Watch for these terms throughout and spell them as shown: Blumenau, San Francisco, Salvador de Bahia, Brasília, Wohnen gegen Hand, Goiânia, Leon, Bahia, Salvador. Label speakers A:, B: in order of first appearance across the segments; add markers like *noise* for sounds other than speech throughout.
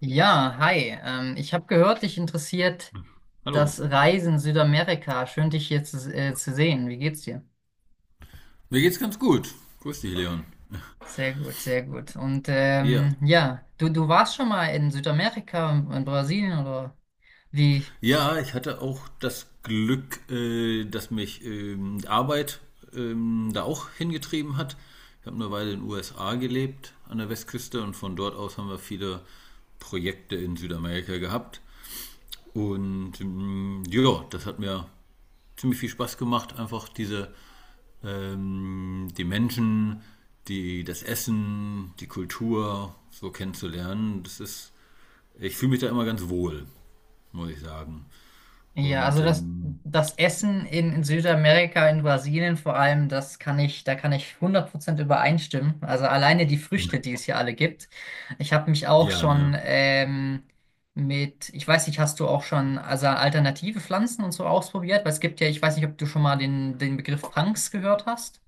A: Ja, hi. Ich habe gehört, dich interessiert
B: Hallo.
A: das Reisen Südamerika. Schön, dich hier zu sehen. Wie geht's dir?
B: Mir geht's ganz gut. Grüß dich, Leon.
A: Sehr gut, sehr gut. Und
B: Ja.
A: ja, du warst schon mal in Südamerika, in Brasilien oder wie?
B: Ja, ich hatte auch das Glück, dass mich Arbeit da auch hingetrieben hat. Ich habe eine Weile in den USA gelebt, an der Westküste, und von dort aus haben wir viele Projekte in Südamerika gehabt. Und ja, das hat mir ziemlich viel Spaß gemacht, einfach die Menschen, das Essen, die Kultur so kennenzulernen. Das ist. Ich fühle mich da immer ganz wohl, muss ich sagen.
A: Ja,
B: Und
A: also das, das Essen in Südamerika, in Brasilien vor allem, da kann ich 100% übereinstimmen. Also alleine die Früchte, die es hier alle gibt. Ich habe mich auch
B: ja, ne?
A: schon mit, ich weiß nicht, hast du auch schon also alternative Pflanzen und so ausprobiert? Weil es gibt ja, ich weiß nicht, ob du schon mal den Begriff Punks gehört hast.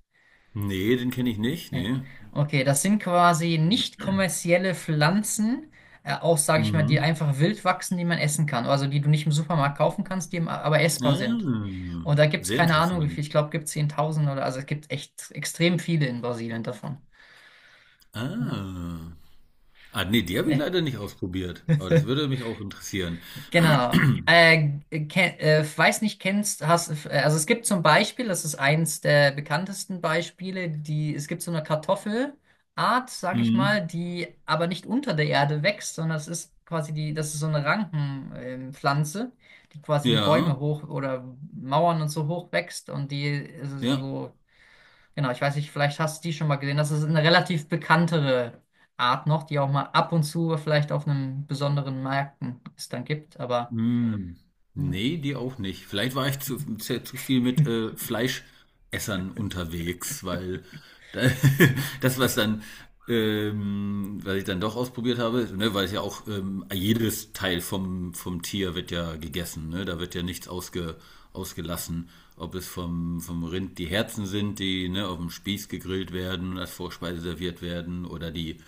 B: Nee, den kenne ich nicht,
A: Nee.
B: nee.
A: Okay, das sind quasi nicht kommerzielle Pflanzen, auch sage ich mal, die
B: Mhm.
A: einfach wild wachsen, die man essen kann. Also die du nicht im Supermarkt kaufen kannst, die aber essbar sind.
B: Ah,
A: Und da gibt es
B: sehr
A: keine Ahnung, wie
B: interessant.
A: viel. Ich glaube, gibt es 10.000 oder also es gibt echt extrem viele in Brasilien davon. Ja.
B: Ah. Ah, nee, die habe ich
A: Nee.
B: leider nicht ausprobiert. Aber das würde
A: *laughs*
B: mich auch interessieren.
A: Genau. Weiß nicht, also es gibt zum Beispiel, das ist eins der bekanntesten Beispiele, es gibt so eine Kartoffelart, sage ich mal,
B: Mhm.
A: die aber nicht unter der Erde wächst, sondern es ist quasi das ist so eine Pflanze, die quasi die
B: Ja,
A: Bäume hoch oder Mauern und so hoch wächst und die ist
B: ja.
A: so, genau, ich weiß nicht, vielleicht hast du die schon mal gesehen, das ist eine relativ bekanntere Art noch, die auch mal ab und zu vielleicht auf einem besonderen Märkten es dann gibt, aber
B: Hm,
A: ja.
B: nee, die auch nicht. Vielleicht war ich zu viel mit Fleischessern unterwegs, weil da, *laughs* das, was dann, was ich dann doch ausprobiert habe, ne, weil es ja auch jedes Teil vom Tier wird ja gegessen, ne? Da wird ja nichts ausgelassen. Ob es vom Rind die Herzen sind, die, ne, auf dem Spieß gegrillt werden und als Vorspeise serviert werden, oder die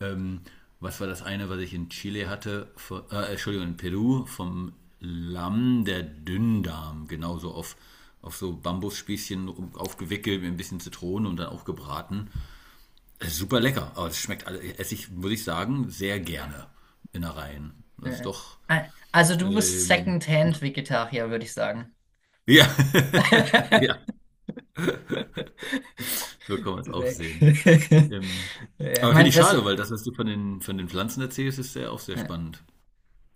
B: ähm, was war das eine, was ich in Chile hatte? Von, Entschuldigung, in Peru vom Lamm der Dünndarm. Genauso auf so Bambusspießchen aufgewickelt mit ein bisschen Zitrone und dann auch gebraten. Super lecker, aber esse ich, muss ich sagen, sehr gerne Innereien. Das ist
A: Ja.
B: doch.
A: Ah, also du bist
B: ähm,
A: Second-Hand-Vegetarier, würde ich sagen.
B: ja, *laughs* ja,
A: *laughs*
B: so kann man es auch
A: Nee.
B: sehen.
A: *laughs*
B: Ähm,
A: Ja, ich
B: aber finde
A: mein,
B: ich
A: das,
B: schade, weil das, was du von von den Pflanzen erzählst, ist sehr, auch sehr
A: ja.
B: spannend.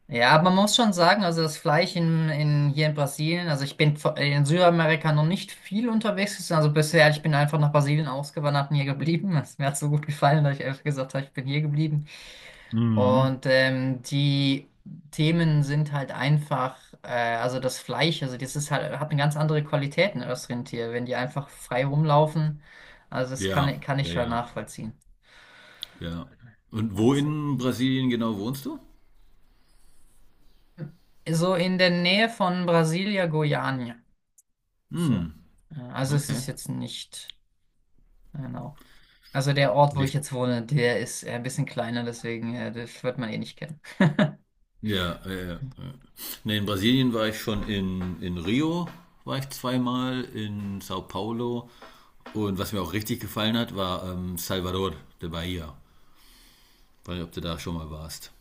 A: Ja, aber man muss schon sagen, also das Fleisch hier in Brasilien, also ich bin in Südamerika noch nicht viel unterwegs gewesen, also bisher, ich bin einfach nach Brasilien ausgewandert und hier geblieben. Es mir hat so gut gefallen, dass ich einfach gesagt habe, ich bin hier geblieben.
B: Mhm.
A: Und die Themen sind halt einfach, äh, also das Fleisch, also das ist halt, hat eine ganz andere Qualität, ein Össrindtier, wenn die einfach frei rumlaufen. Also das
B: Ja,
A: kann ich
B: ja,
A: schon
B: ja.
A: nachvollziehen.
B: Ja. Und wo
A: Also.
B: in Brasilien genau wohnst du?
A: So in der Nähe von Brasilia, Goiânia. So.
B: Hm,
A: Also es ist
B: okay.
A: jetzt nicht, genau. Also der Ort, wo ich
B: Nicht.
A: jetzt wohne, der ist ein bisschen kleiner, deswegen das wird man eh nicht kennen. *laughs*
B: Ja, ja. Nee, in Brasilien war ich schon in Rio, war ich zweimal, in Sao Paulo. Und was mir auch richtig gefallen hat, war Salvador de Bahia. Weiß nicht, ob du da schon mal warst.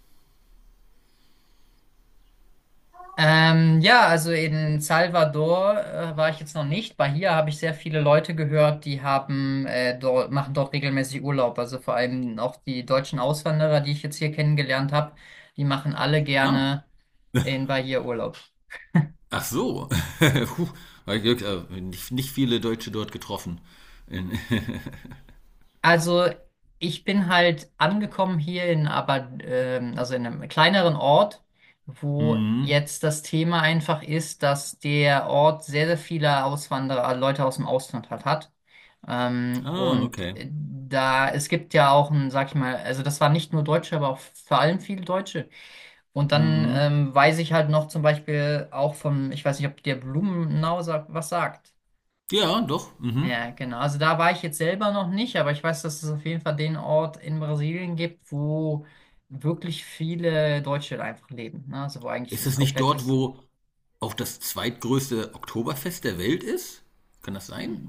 A: Ja, also in Salvador war ich jetzt noch nicht. Bei hier habe ich sehr viele Leute gehört, die haben machen dort regelmäßig Urlaub. Also vor allem auch die deutschen Auswanderer, die ich jetzt hier kennengelernt habe, die machen alle
B: Ah,
A: gerne in Bahia Urlaub.
B: ach so. *laughs* Puh, hab ich Glück, nicht viele Deutsche dort getroffen. In,
A: Also ich bin halt angekommen hier in aber also in einem kleineren Ort,
B: *laughs*
A: wo
B: mhm.
A: jetzt das Thema einfach ist, dass der Ort sehr, sehr viele Auswanderer, Leute aus dem Ausland halt hat.
B: Ah,
A: Und
B: okay.
A: da, es gibt ja auch ein, sag ich mal, also das waren nicht nur Deutsche, aber auch vor allem viele Deutsche. Und dann
B: Mhm.
A: weiß ich halt noch zum Beispiel auch vom, ich weiß nicht, ob der Blumenau sagt, was sagt.
B: Ja, doch. Mhm.
A: Ja, genau. Also da war ich jetzt selber noch nicht, aber ich weiß, dass es auf jeden Fall den Ort in Brasilien gibt, wo wirklich viele Deutsche einfach leben. Ne? Also wo eigentlich
B: Ist
A: das
B: das nicht
A: komplette.
B: dort, wo auch das zweitgrößte Oktoberfest der Welt ist? Kann das sein?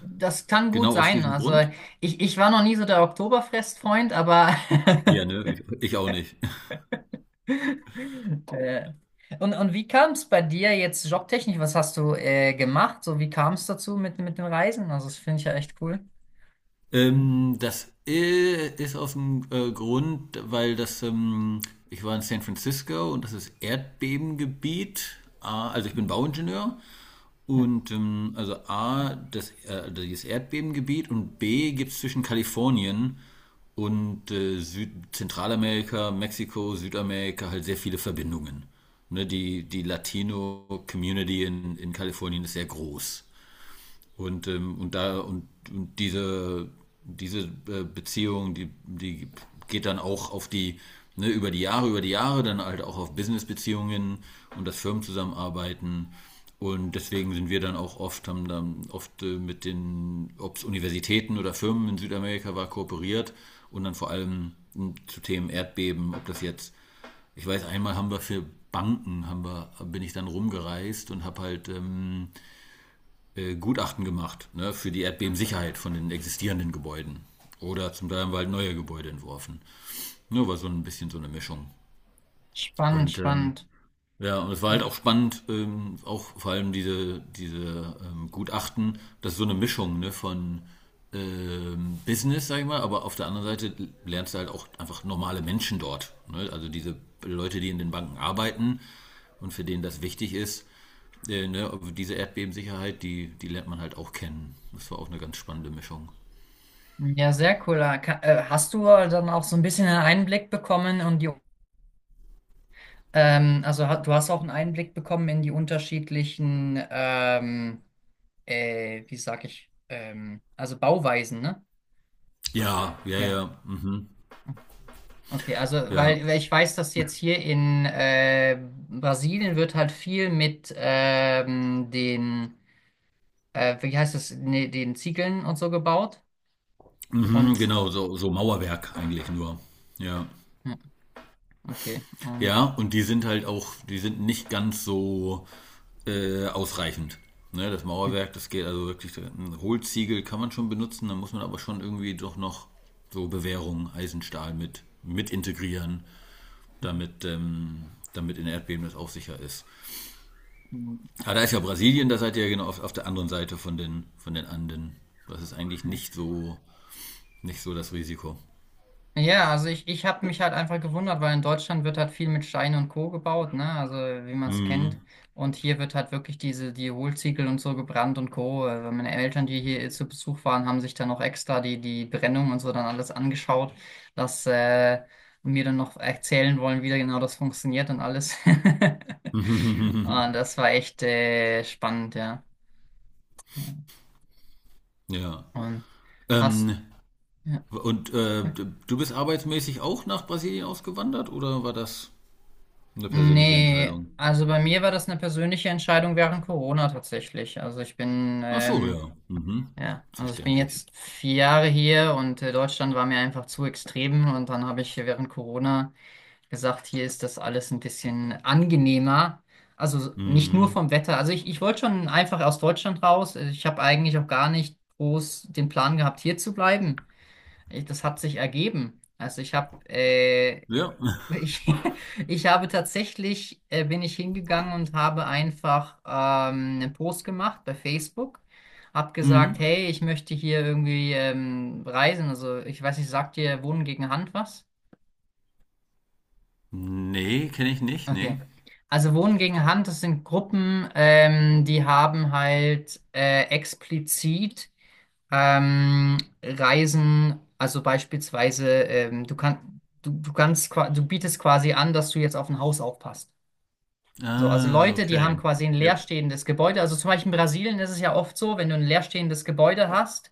A: Das kann gut
B: Genau aus
A: sein.
B: diesem
A: Also
B: Grund?
A: ich war noch nie so der Oktoberfest-Freund, aber.
B: Ja,
A: *laughs*
B: ne, ich auch nicht.
A: äh, und wie kam es bei dir jetzt jobtechnisch? Was hast du gemacht? So, wie kam es dazu mit den Reisen? Also das finde ich ja echt cool.
B: Das ist aus dem Grund, weil das, ich war in San Francisco und das ist Erdbebengebiet. Ah, also ich bin Bauingenieur
A: Ja.
B: und also A, das, also dieses Erdbebengebiet, und B gibt es zwischen Kalifornien und Süd Zentralamerika, Mexiko, Südamerika halt sehr viele Verbindungen. Ne, die Latino-Community in Kalifornien ist sehr groß. Und da und diese, diese Beziehung, die geht dann auch auf die, ne, über die Jahre, dann halt auch auf Business-Beziehungen und das Firmenzusammenarbeiten. Und deswegen sind wir dann auch oft, haben dann oft mit den, ob es Universitäten oder Firmen in Südamerika war, kooperiert, und dann vor allem hm, zu Themen Erdbeben, ob das jetzt, ich weiß, einmal haben wir für Banken, haben wir, bin ich dann rumgereist und habe halt Gutachten gemacht, ne, für die Erdbebensicherheit von den existierenden Gebäuden. Oder zum Teil haben wir halt neue Gebäude entworfen. Nur war so ein bisschen so eine Mischung.
A: Spannend,
B: Und
A: spannend.
B: ja, und es war halt auch spannend, auch vor allem diese, diese Gutachten, das ist so eine Mischung, ne, von Business, sag ich mal, aber auf der anderen Seite lernst du halt auch einfach normale Menschen dort. Ne? Also diese Leute, die in den Banken arbeiten und für denen das wichtig ist, ne, aber diese Erdbebensicherheit, die lernt man halt auch kennen. Das war auch eine ganz spannende Mischung.
A: Ja, sehr cool. Hast du dann auch so ein bisschen einen Einblick bekommen und die, also du hast auch einen Einblick bekommen in die unterschiedlichen, wie sag ich, also Bauweisen, ne?
B: Ja, ja,
A: Ja.
B: ja. Mhm,
A: Okay, also
B: ja.
A: weil ich weiß, dass jetzt hier in Brasilien wird halt viel mit den, wie heißt es, nee, den Ziegeln und so gebaut.
B: Mhm,
A: Und
B: genau, so, so Mauerwerk eigentlich nur. Ja.
A: ja, okay,
B: Ja,
A: und
B: und die sind halt auch, die sind nicht ganz so ausreichend. Ne, das
A: hm,
B: Mauerwerk, das geht also wirklich, ein Hohlziegel kann man schon benutzen, dann muss man aber schon irgendwie doch noch so Bewährung, Eisenstahl mit integrieren,
A: hm,
B: damit, damit in Erdbeben das auch sicher ist. Aber da ist ja Brasilien, da seid ihr ja genau auf der anderen Seite von von den Anden. Das ist eigentlich
A: hm.
B: nicht so, nicht so das Risiko.
A: Ja, also ich habe mich halt einfach gewundert, weil in Deutschland wird halt viel mit Stein und Co. gebaut, ne? Also wie man es kennt. Und hier wird halt wirklich die Hohlziegel und so gebrannt und Co. Meine Eltern, die hier zu Besuch waren, haben sich dann noch extra die Brennung und so dann alles angeschaut, dass und mir dann noch erzählen wollen, wie da genau das funktioniert und alles. *laughs*
B: *laughs*
A: Und das war echt spannend, ja.
B: ja.
A: Und hast,
B: Ähm,
A: ja.
B: und du bist arbeitsmäßig auch nach Brasilien ausgewandert oder war das eine persönliche
A: Nee,
B: Entscheidung?
A: also bei mir war das eine persönliche Entscheidung während Corona tatsächlich. Also ich bin,
B: Ach so,
A: ähm,
B: ja. Mhm.
A: ja, also ich bin
B: Verständlich.
A: jetzt 4 Jahre hier und Deutschland war mir einfach zu extrem und dann habe ich während Corona gesagt, hier ist das alles ein bisschen angenehmer. Also nicht nur
B: Mhm.
A: vom Wetter. Also ich wollte schon einfach aus Deutschland raus. Ich habe eigentlich auch gar nicht groß den Plan gehabt, hier zu bleiben. Das hat sich ergeben. Also ich habe
B: Ja. *laughs*
A: *laughs* ich, ich habe tatsächlich bin ich hingegangen und habe einfach einen Post gemacht bei Facebook. Hab gesagt,
B: Mhm.
A: hey, ich möchte hier irgendwie reisen. Also ich weiß nicht, sagt dir Wohnen gegen Hand was?
B: Nee, kenne ich nicht, nee.
A: Okay. Also Wohnen gegen Hand, das sind Gruppen, die haben halt explizit Ähm, Reisen, also beispielsweise, du kannst, du kannst, qua- du bietest quasi an, dass du jetzt auf ein Haus aufpasst. So, also
B: Ah,
A: Leute, die
B: okay.
A: haben quasi ein
B: Ja.
A: leerstehendes Gebäude. Also zum Beispiel in Brasilien ist es ja oft so, wenn du ein leerstehendes Gebäude hast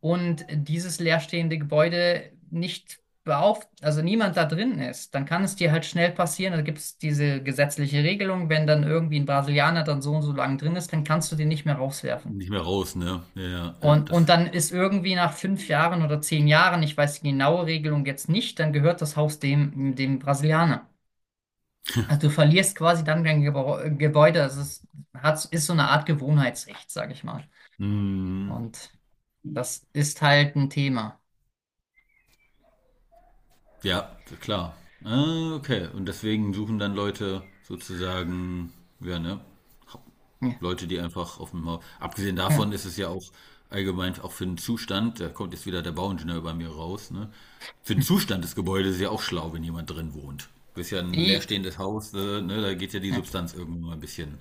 A: und dieses leerstehende Gebäude nicht beauf, also niemand da drin ist, dann kann es dir halt schnell passieren. Da gibt es diese gesetzliche Regelung, wenn dann irgendwie ein Brasilianer dann so und so lang drin ist, dann kannst du den nicht mehr rauswerfen.
B: Nicht mehr raus, ne? Ja, ja, ja,
A: Und,
B: das.
A: und dann ist irgendwie nach 5 Jahren oder 10 Jahren, ich weiß die genaue Regelung jetzt nicht, dann gehört das Haus dem Brasilianer. Also du verlierst quasi dann dein Gebäude. Das ist so eine Art Gewohnheitsrecht, sage ich mal.
B: Mhm.
A: Und das ist halt ein Thema.
B: Ja, klar. Ah, okay. Und deswegen suchen dann Leute sozusagen, ja, ne?
A: Ja,
B: Leute, die einfach auf dem Haus. Abgesehen davon
A: ja.
B: ist es ja auch allgemein auch für den Zustand, da kommt jetzt wieder der Bauingenieur bei mir raus, ne? Für den
A: Hm.
B: Zustand des Gebäudes ist ja auch schlau, wenn jemand drin wohnt. Ist ja ein
A: I,
B: leerstehendes Haus, ne? Da geht ja die
A: ja.
B: Substanz irgendwann mal ein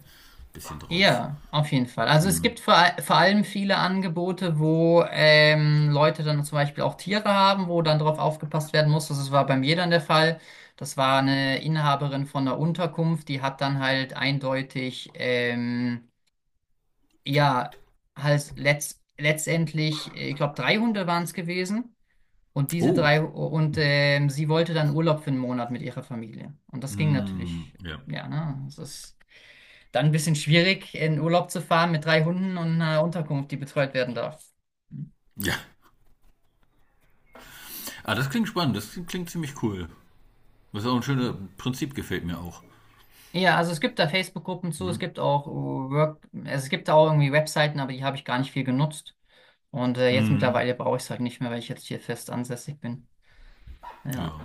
B: bisschen drauf.
A: Ja, auf jeden Fall. Also es gibt vor allem viele Angebote, wo Leute dann zum Beispiel auch Tiere haben, wo dann drauf aufgepasst werden muss. Das war bei mir dann der Fall. Das war eine Inhaberin von einer Unterkunft, die hat dann halt eindeutig, ja, halt letztendlich, ich glaube, drei Hunde waren es gewesen. Und diese
B: Oh.
A: drei, und sie wollte dann Urlaub für einen Monat mit ihrer Familie. Und das ging
B: Mm,
A: natürlich,
B: ja.
A: ja, ne? Das ist. Dann ein bisschen schwierig, in Urlaub zu fahren mit drei Hunden und einer Unterkunft, die betreut werden darf.
B: Ja. Ah, das klingt spannend, das klingt ziemlich cool. Das ist auch ein schönes Prinzip, gefällt mir auch.
A: Ja, also es gibt da Facebook-Gruppen zu,
B: Hm?
A: es gibt auch Work, also es gibt da auch irgendwie Webseiten, aber die habe ich gar nicht viel genutzt. Und jetzt
B: Mhm.
A: mittlerweile brauche ich es halt nicht mehr, weil ich jetzt hier fest ansässig bin. Ja.
B: Ja.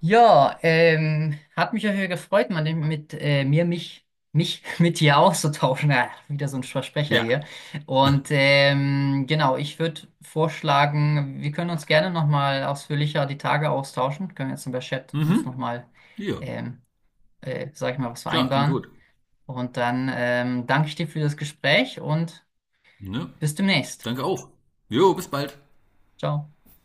A: Ja, hat mich ja hier gefreut, mal mit mir, mich, mich *laughs* mit dir auszutauschen. Ja, wieder so ein Versprecher
B: Ja.
A: hier. Und genau, ich würde vorschlagen, wir können uns gerne nochmal ausführlicher die Tage austauschen. Können jetzt über Chat
B: Mhm.
A: uns nochmal,
B: Ja.
A: ähm, sag ich mal, was
B: Klar, klingt
A: vereinbaren.
B: gut.
A: Und dann danke ich dir für das Gespräch und
B: Ne?
A: bis demnächst.
B: Danke auch. Jo, bis bald.
A: Ciao.